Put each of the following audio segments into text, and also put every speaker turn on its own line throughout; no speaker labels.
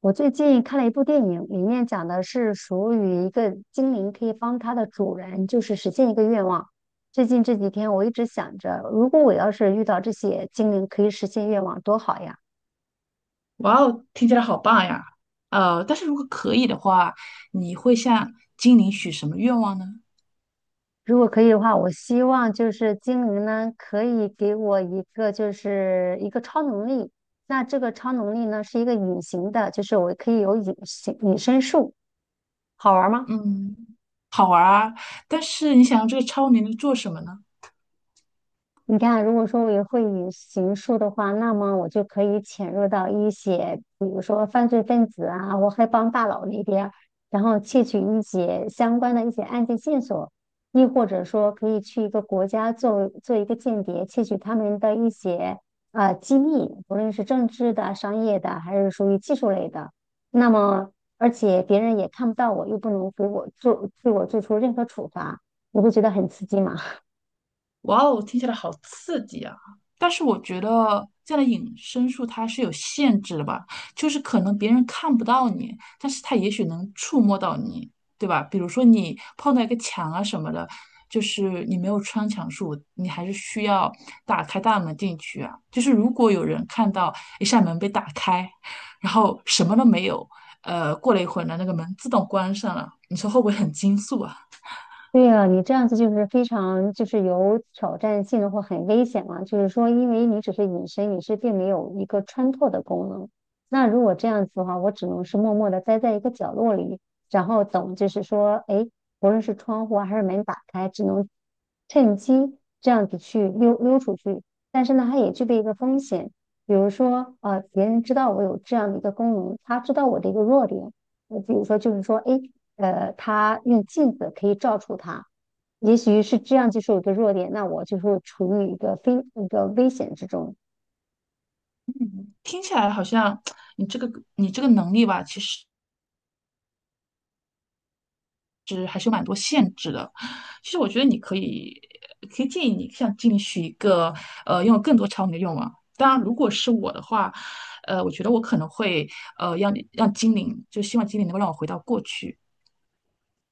我最近看了一部电影，里面讲的是属于一个精灵可以帮它的主人，就是实现一个愿望。最近这几天我一直想着，如果我要是遇到这些精灵可以实现愿望，多好呀！
哇哦，听起来好棒呀！但是如果可以的话，你会向精灵许什么愿望呢？
如果可以的话，我希望就是精灵呢可以给我一个就是一个超能力。那这个超能力呢是一个隐形的，就是我可以有隐身术，好玩吗？
嗯，好玩儿啊，但是你想要这个超能力做什么呢？
你看，如果说我也会以刑述的话，那么我就可以潜入到一些，比如说犯罪分子啊，或黑帮大佬那边，然后窃取一些相关的一些案件线索，亦或者说可以去一个国家做做一个间谍，窃取他们的一些机密，无论是政治的、商业的，还是属于技术类的。那么，而且别人也看不到我，又不能给我做对我做出任何处罚，你会觉得很刺激吗？
哇哦，听起来好刺激啊！但是我觉得这样的隐身术它是有限制的吧，就是可能别人看不到你，但是他也许能触摸到你，对吧？比如说你碰到一个墙啊什么的，就是你没有穿墙术，你还是需要打开大门进去啊。就是如果有人看到一扇门被打开，然后什么都没有，过了一会儿呢，那个门自动关上了，你说会不会很惊悚啊？
对啊，你这样子就是非常就是有挑战性的或很危险嘛。就是说，因为你只是隐身，你是并没有一个穿透的功能。那如果这样子的话，我只能是默默的待在一个角落里，然后等，就是说，哎，无论是窗户啊还是门打开，只能趁机这样子去溜出去。但是呢，它也具备一个风险，比如说，别人知道我有这样的一个功能，他知道我的一个弱点。比如说，就是说，哎，他用镜子可以照出他，也许是这样，就是我的弱点。那我就是处于一个非一个危险之中。
听起来好像你这个你这个能力吧，其实我觉得你可以建议你像进许一个拥有更多场景的愿望。当然，如果是我的话，我觉得我可能会让你让精灵，就希望精灵能够让我回到过去。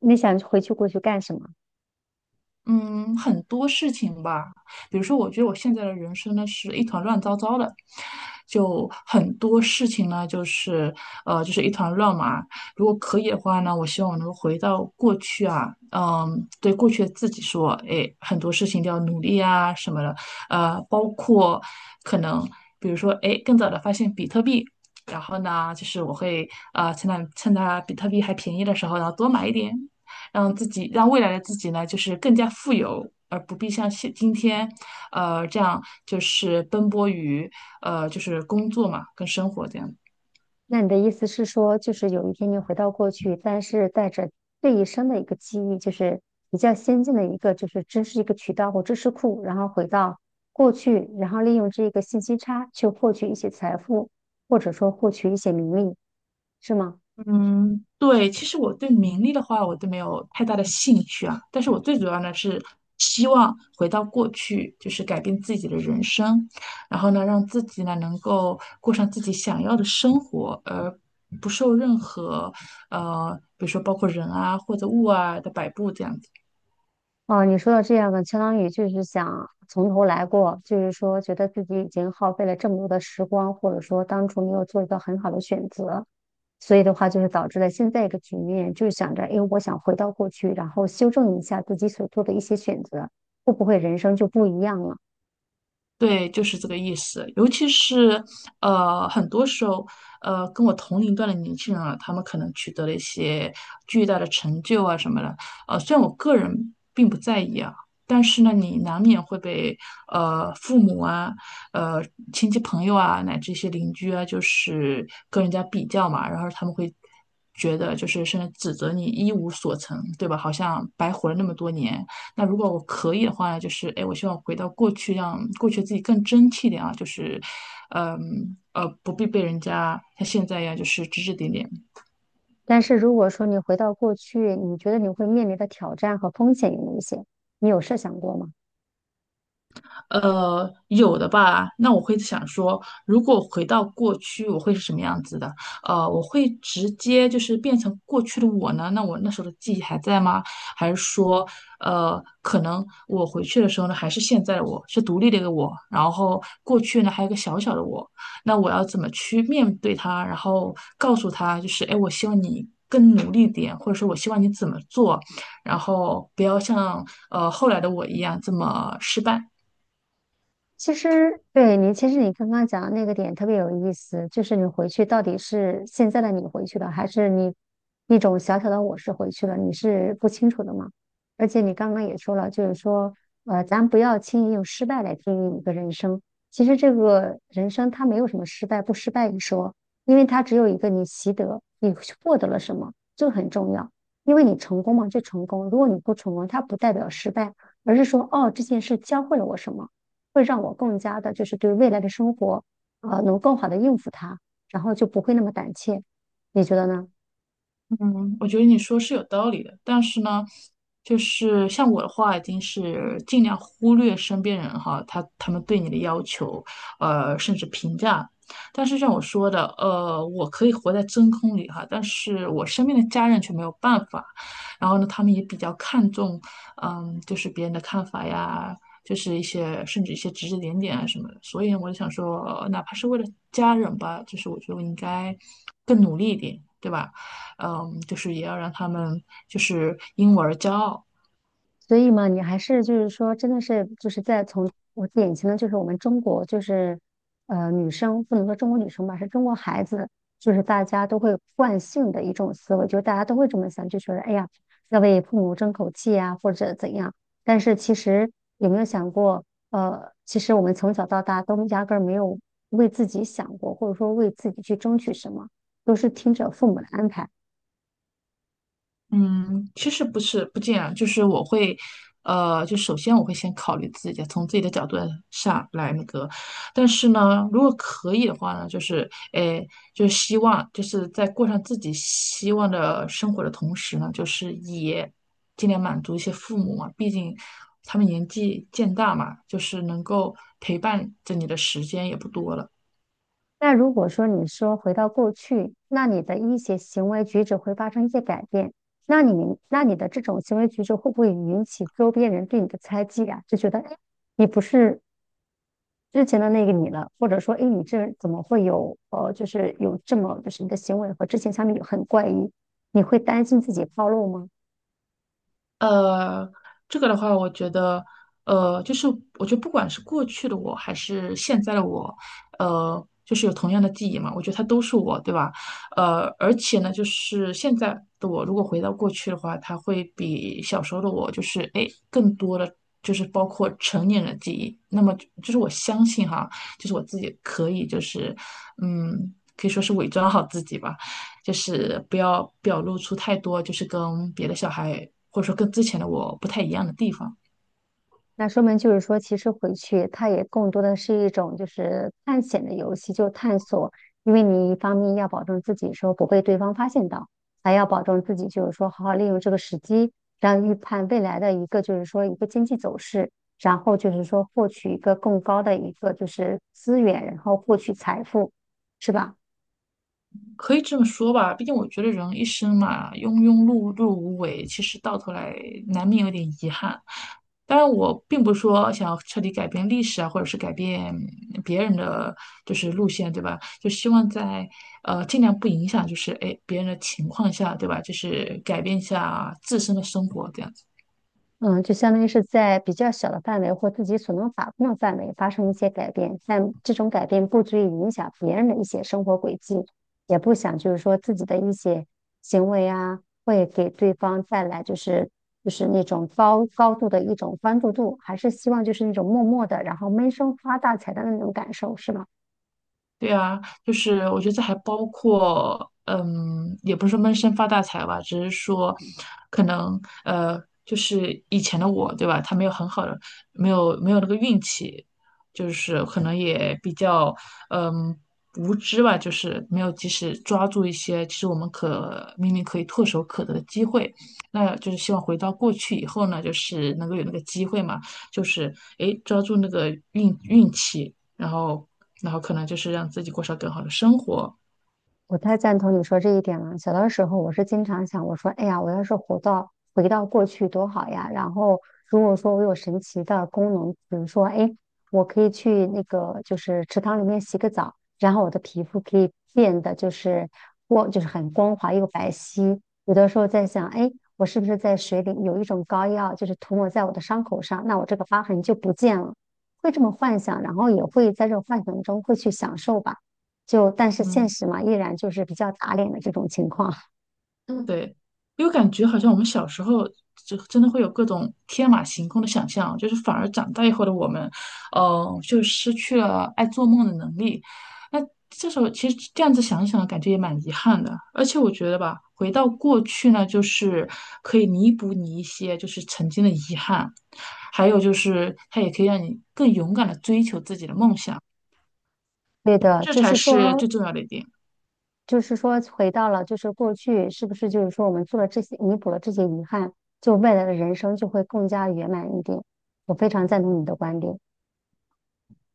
你想回去过去干什么？
嗯，很多事情吧，比如说，我觉得我现在的人生呢是一团乱糟糟的，就很多事情呢就是一团乱麻。如果可以的话呢，我希望我能够回到过去啊，嗯，对过去的自己说，哎，很多事情都要努力啊什么的，包括可能比如说，哎，更早的发现比特币。然后呢，就是我会趁它比特币还便宜的时候，然后多买一点，让自己让未来的自己呢，就是更加富有，而不必像现今天，这样就是奔波于就是工作嘛跟生活这样。
那你的意思是说，就是有一天你回到过去，但是带着这一生的一个记忆，就是比较先进的一个，就是知识一个渠道或知识库，然后回到过去，然后利用这个信息差去获取一些财富，或者说获取一些名利，是吗？
嗯，对，其实我对名利的话，我都没有太大的兴趣啊。但是我最主要呢是希望回到过去，就是改变自己的人生，然后呢，让自己呢能够过上自己想要的生活，而不受任何比如说包括人啊或者物啊的摆布这样子。
哦，你说的这样的，相当于就是想从头来过，就是说觉得自己已经耗费了这么多的时光，或者说当初没有做一个很好的选择，所以的话就是导致了现在一个局面，就是想着，哎，我想回到过去，然后修正一下自己所做的一些选择，会不会人生就不一样了？
对，就是这个意思。尤其是很多时候，跟我同龄段的年轻人啊，他们可能取得了一些巨大的成就啊什么的。虽然我个人并不在意啊，但是呢，你难免会被父母啊、呃亲戚朋友啊，乃至一些邻居啊，就是跟人家比较嘛，然后他们会觉得就是甚至指责你一无所成，对吧？好像白活了那么多年。那如果我可以的话呢，就是哎，我希望回到过去，让过去自己更争气一点啊，就是，不必被人家像现在一样就是指指点点。
但是如果说你回到过去，你觉得你会面临的挑战和风险有哪些？你有设想过吗？
有的吧。那我会想说，如果回到过去，我会是什么样子的？我会直接就是变成过去的我呢？那我那时候的记忆还在吗？还是说，可能我回去的时候呢，还是现在的我，是独立的一个我。然后过去呢，还有一个小小的我。那我要怎么去面对他？然后告诉他，就是哎，我希望你。更努力点，或者说我希望你怎么做，然后不要像后来的我一样这么失败。
其实，对你，其实你刚刚讲的那个点特别有意思，就是你回去到底是现在的你回去了，还是你一种小小的我是回去了，你是不清楚的嘛？而且你刚刚也说了，就是说，咱不要轻易用失败来定义一个人生。其实这个人生它没有什么失败不失败一说，因为它只有一个你习得，你获得了什么，这个很重要。因为你成功嘛，就成功；如果你不成功，它不代表失败，而是说，哦，这件事教会了我什么。会让我更加的，就是对未来的生活，能更好的应付它，然后就不会那么胆怯。你觉得呢？
嗯，我觉得你说是有道理的，但是呢，就是像我的话，已经是尽量忽略身边人哈，他们对你的要求，甚至评价。但是像我说的，我可以活在真空里哈，但是我身边的家人却没有办法。然后呢，他们也比较看重，嗯，就是别人的看法呀，就是一些甚至一些指指点点啊什么的。所以呢，我就想说，哪怕是为了家人吧，就是我觉得我应该更努力一点，对吧？嗯，就是也要让他们就是因我而骄傲。
所以嘛，你还是就是说，真的是就是在从我眼前的就是我们中国就是女生不能说中国女生吧，是中国孩子，就是大家都会惯性的一种思维，就是大家都会这么想，就觉得哎呀要为父母争口气啊，或者怎样。但是其实有没有想过，其实我们从小到大都压根儿没有为自己想过，或者说为自己去争取什么，都是听着父母的安排。
嗯，其实不是不这样，就是我会，就首先我会先考虑自己的从自己的角度上来那个，但是呢，如果可以的话呢，就是诶，就是希望就是在过上自己希望的生活的同时呢，就是也尽量满足一些父母嘛，毕竟他们年纪渐大嘛，就是能够陪伴着你的时间也不多了。
那如果说你说回到过去，那你的一些行为举止会发生一些改变，那你的这种行为举止会不会引起周边人对你的猜忌啊？就觉得哎，诶你不是之前的那个你了，或者说哎，诶你这人怎么会有这么就是你的行为和之前相比很怪异，你会担心自己暴露吗？
呃，这个的话，我觉得，就是我觉得不管是过去的我还是现在的我，就是有同样的记忆嘛，我觉得它都是我，对吧？而且呢，就是现在的我，如果回到过去的话，它会比小时候的我，就是哎，诶更多的就是包括成年人的记忆。那么就是我相信哈。就是我自己可以，就是嗯，可以说是伪装好自己吧，就是不要表露出太多，就是跟别的小孩或者说跟之前的我不太一样的地方。
那说明就是说，其实回去它也更多的是一种就是探险的游戏，就探索。因为你一方面要保证自己说不被对方发现到，还要保证自己就是说好好利用这个时机，然后预判未来的一个就是说一个经济走势，然后就是说获取一个更高的一个就是资源，然后获取财富，是吧？
可以这么说吧，毕竟我觉得人一生嘛，庸庸碌碌无为，其实到头来难免有点遗憾。当然，我并不是说想要彻底改变历史啊，或者是改变别人的就是路线，对吧？就希望在尽量不影响，就是哎别人的情况下，对吧？就是改变一下自身的生活，这样。
嗯，就相当于是在比较小的范围或自己所能把控的范围发生一些改变，但这种改变不足以影响别人的一些生活轨迹，也不想就是说自己的一些行为啊，会给对方带来就是那种高高度的一种关注度，还是希望就是那种默默的，然后闷声发大财的那种感受，是吗？
对啊，就是我觉得这还包括，嗯，也不是说闷声发大财吧，只是说，可能就是以前的我，对吧？他没有很好的，没有那个运气，就是可能也比较，嗯，无知吧，就是没有及时抓住一些其实我们可明明可以唾手可得的机会。那就是希望回到过去以后呢，就是能够有那个机会嘛，就是诶，抓住那个运气。然后然后可能就是让自己过上更好的生活。
我太赞同你说这一点了。小的时候，我是经常想，我说，哎呀，我要是回到过去多好呀！然后，如果说我有神奇的功能，比如说，哎，我可以去那个就是池塘里面洗个澡，然后我的皮肤可以变得就是很光滑又白皙。有的时候在想，哎，我是不是在水里有一种膏药，就是涂抹在我的伤口上，那我这个疤痕就不见了。会这么幻想，然后也会在这种幻想中会去享受吧。就但是现
嗯，
实嘛，依然就是比较打脸的这种情况。嗯，
对，因为感觉好像我们小时候就真的会有各种天马行空的想象，就是反而长大以后的我们，就失去了爱做梦的能力。那这时候其实这样子想一想，感觉也蛮遗憾的。而且我觉得吧，回到过去呢，就是可以弥补你一些就是曾经的遗憾，还有就是它也可以让你更勇敢的追求自己的梦想，
对的，
这
就
才
是
是
说，
最重要的一点。
就是说，回到了就是过去，是不是就是说我们做了这些，弥补了这些遗憾，就未来的人生就会更加圆满一点。我非常赞同你的观点。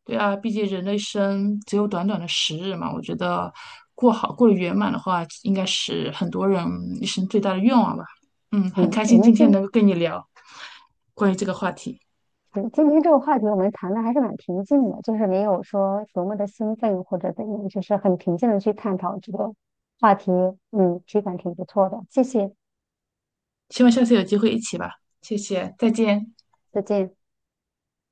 对啊，毕竟人的一生只有短短的十日嘛，我觉得过好过得圆满的话，应该是很多人一生最大的愿望吧。嗯，很
嗯，
开
我
心
们
今
今
天能够跟你聊关于这个话题，
嗯今天这个话题我们谈的还是蛮平静的，就是没有说多么的兴奋或者怎样，就是很平静的去探讨这个话题。嗯，体感挺不错的，谢谢，
希望下次有机会一起吧。谢谢，再见。
再见。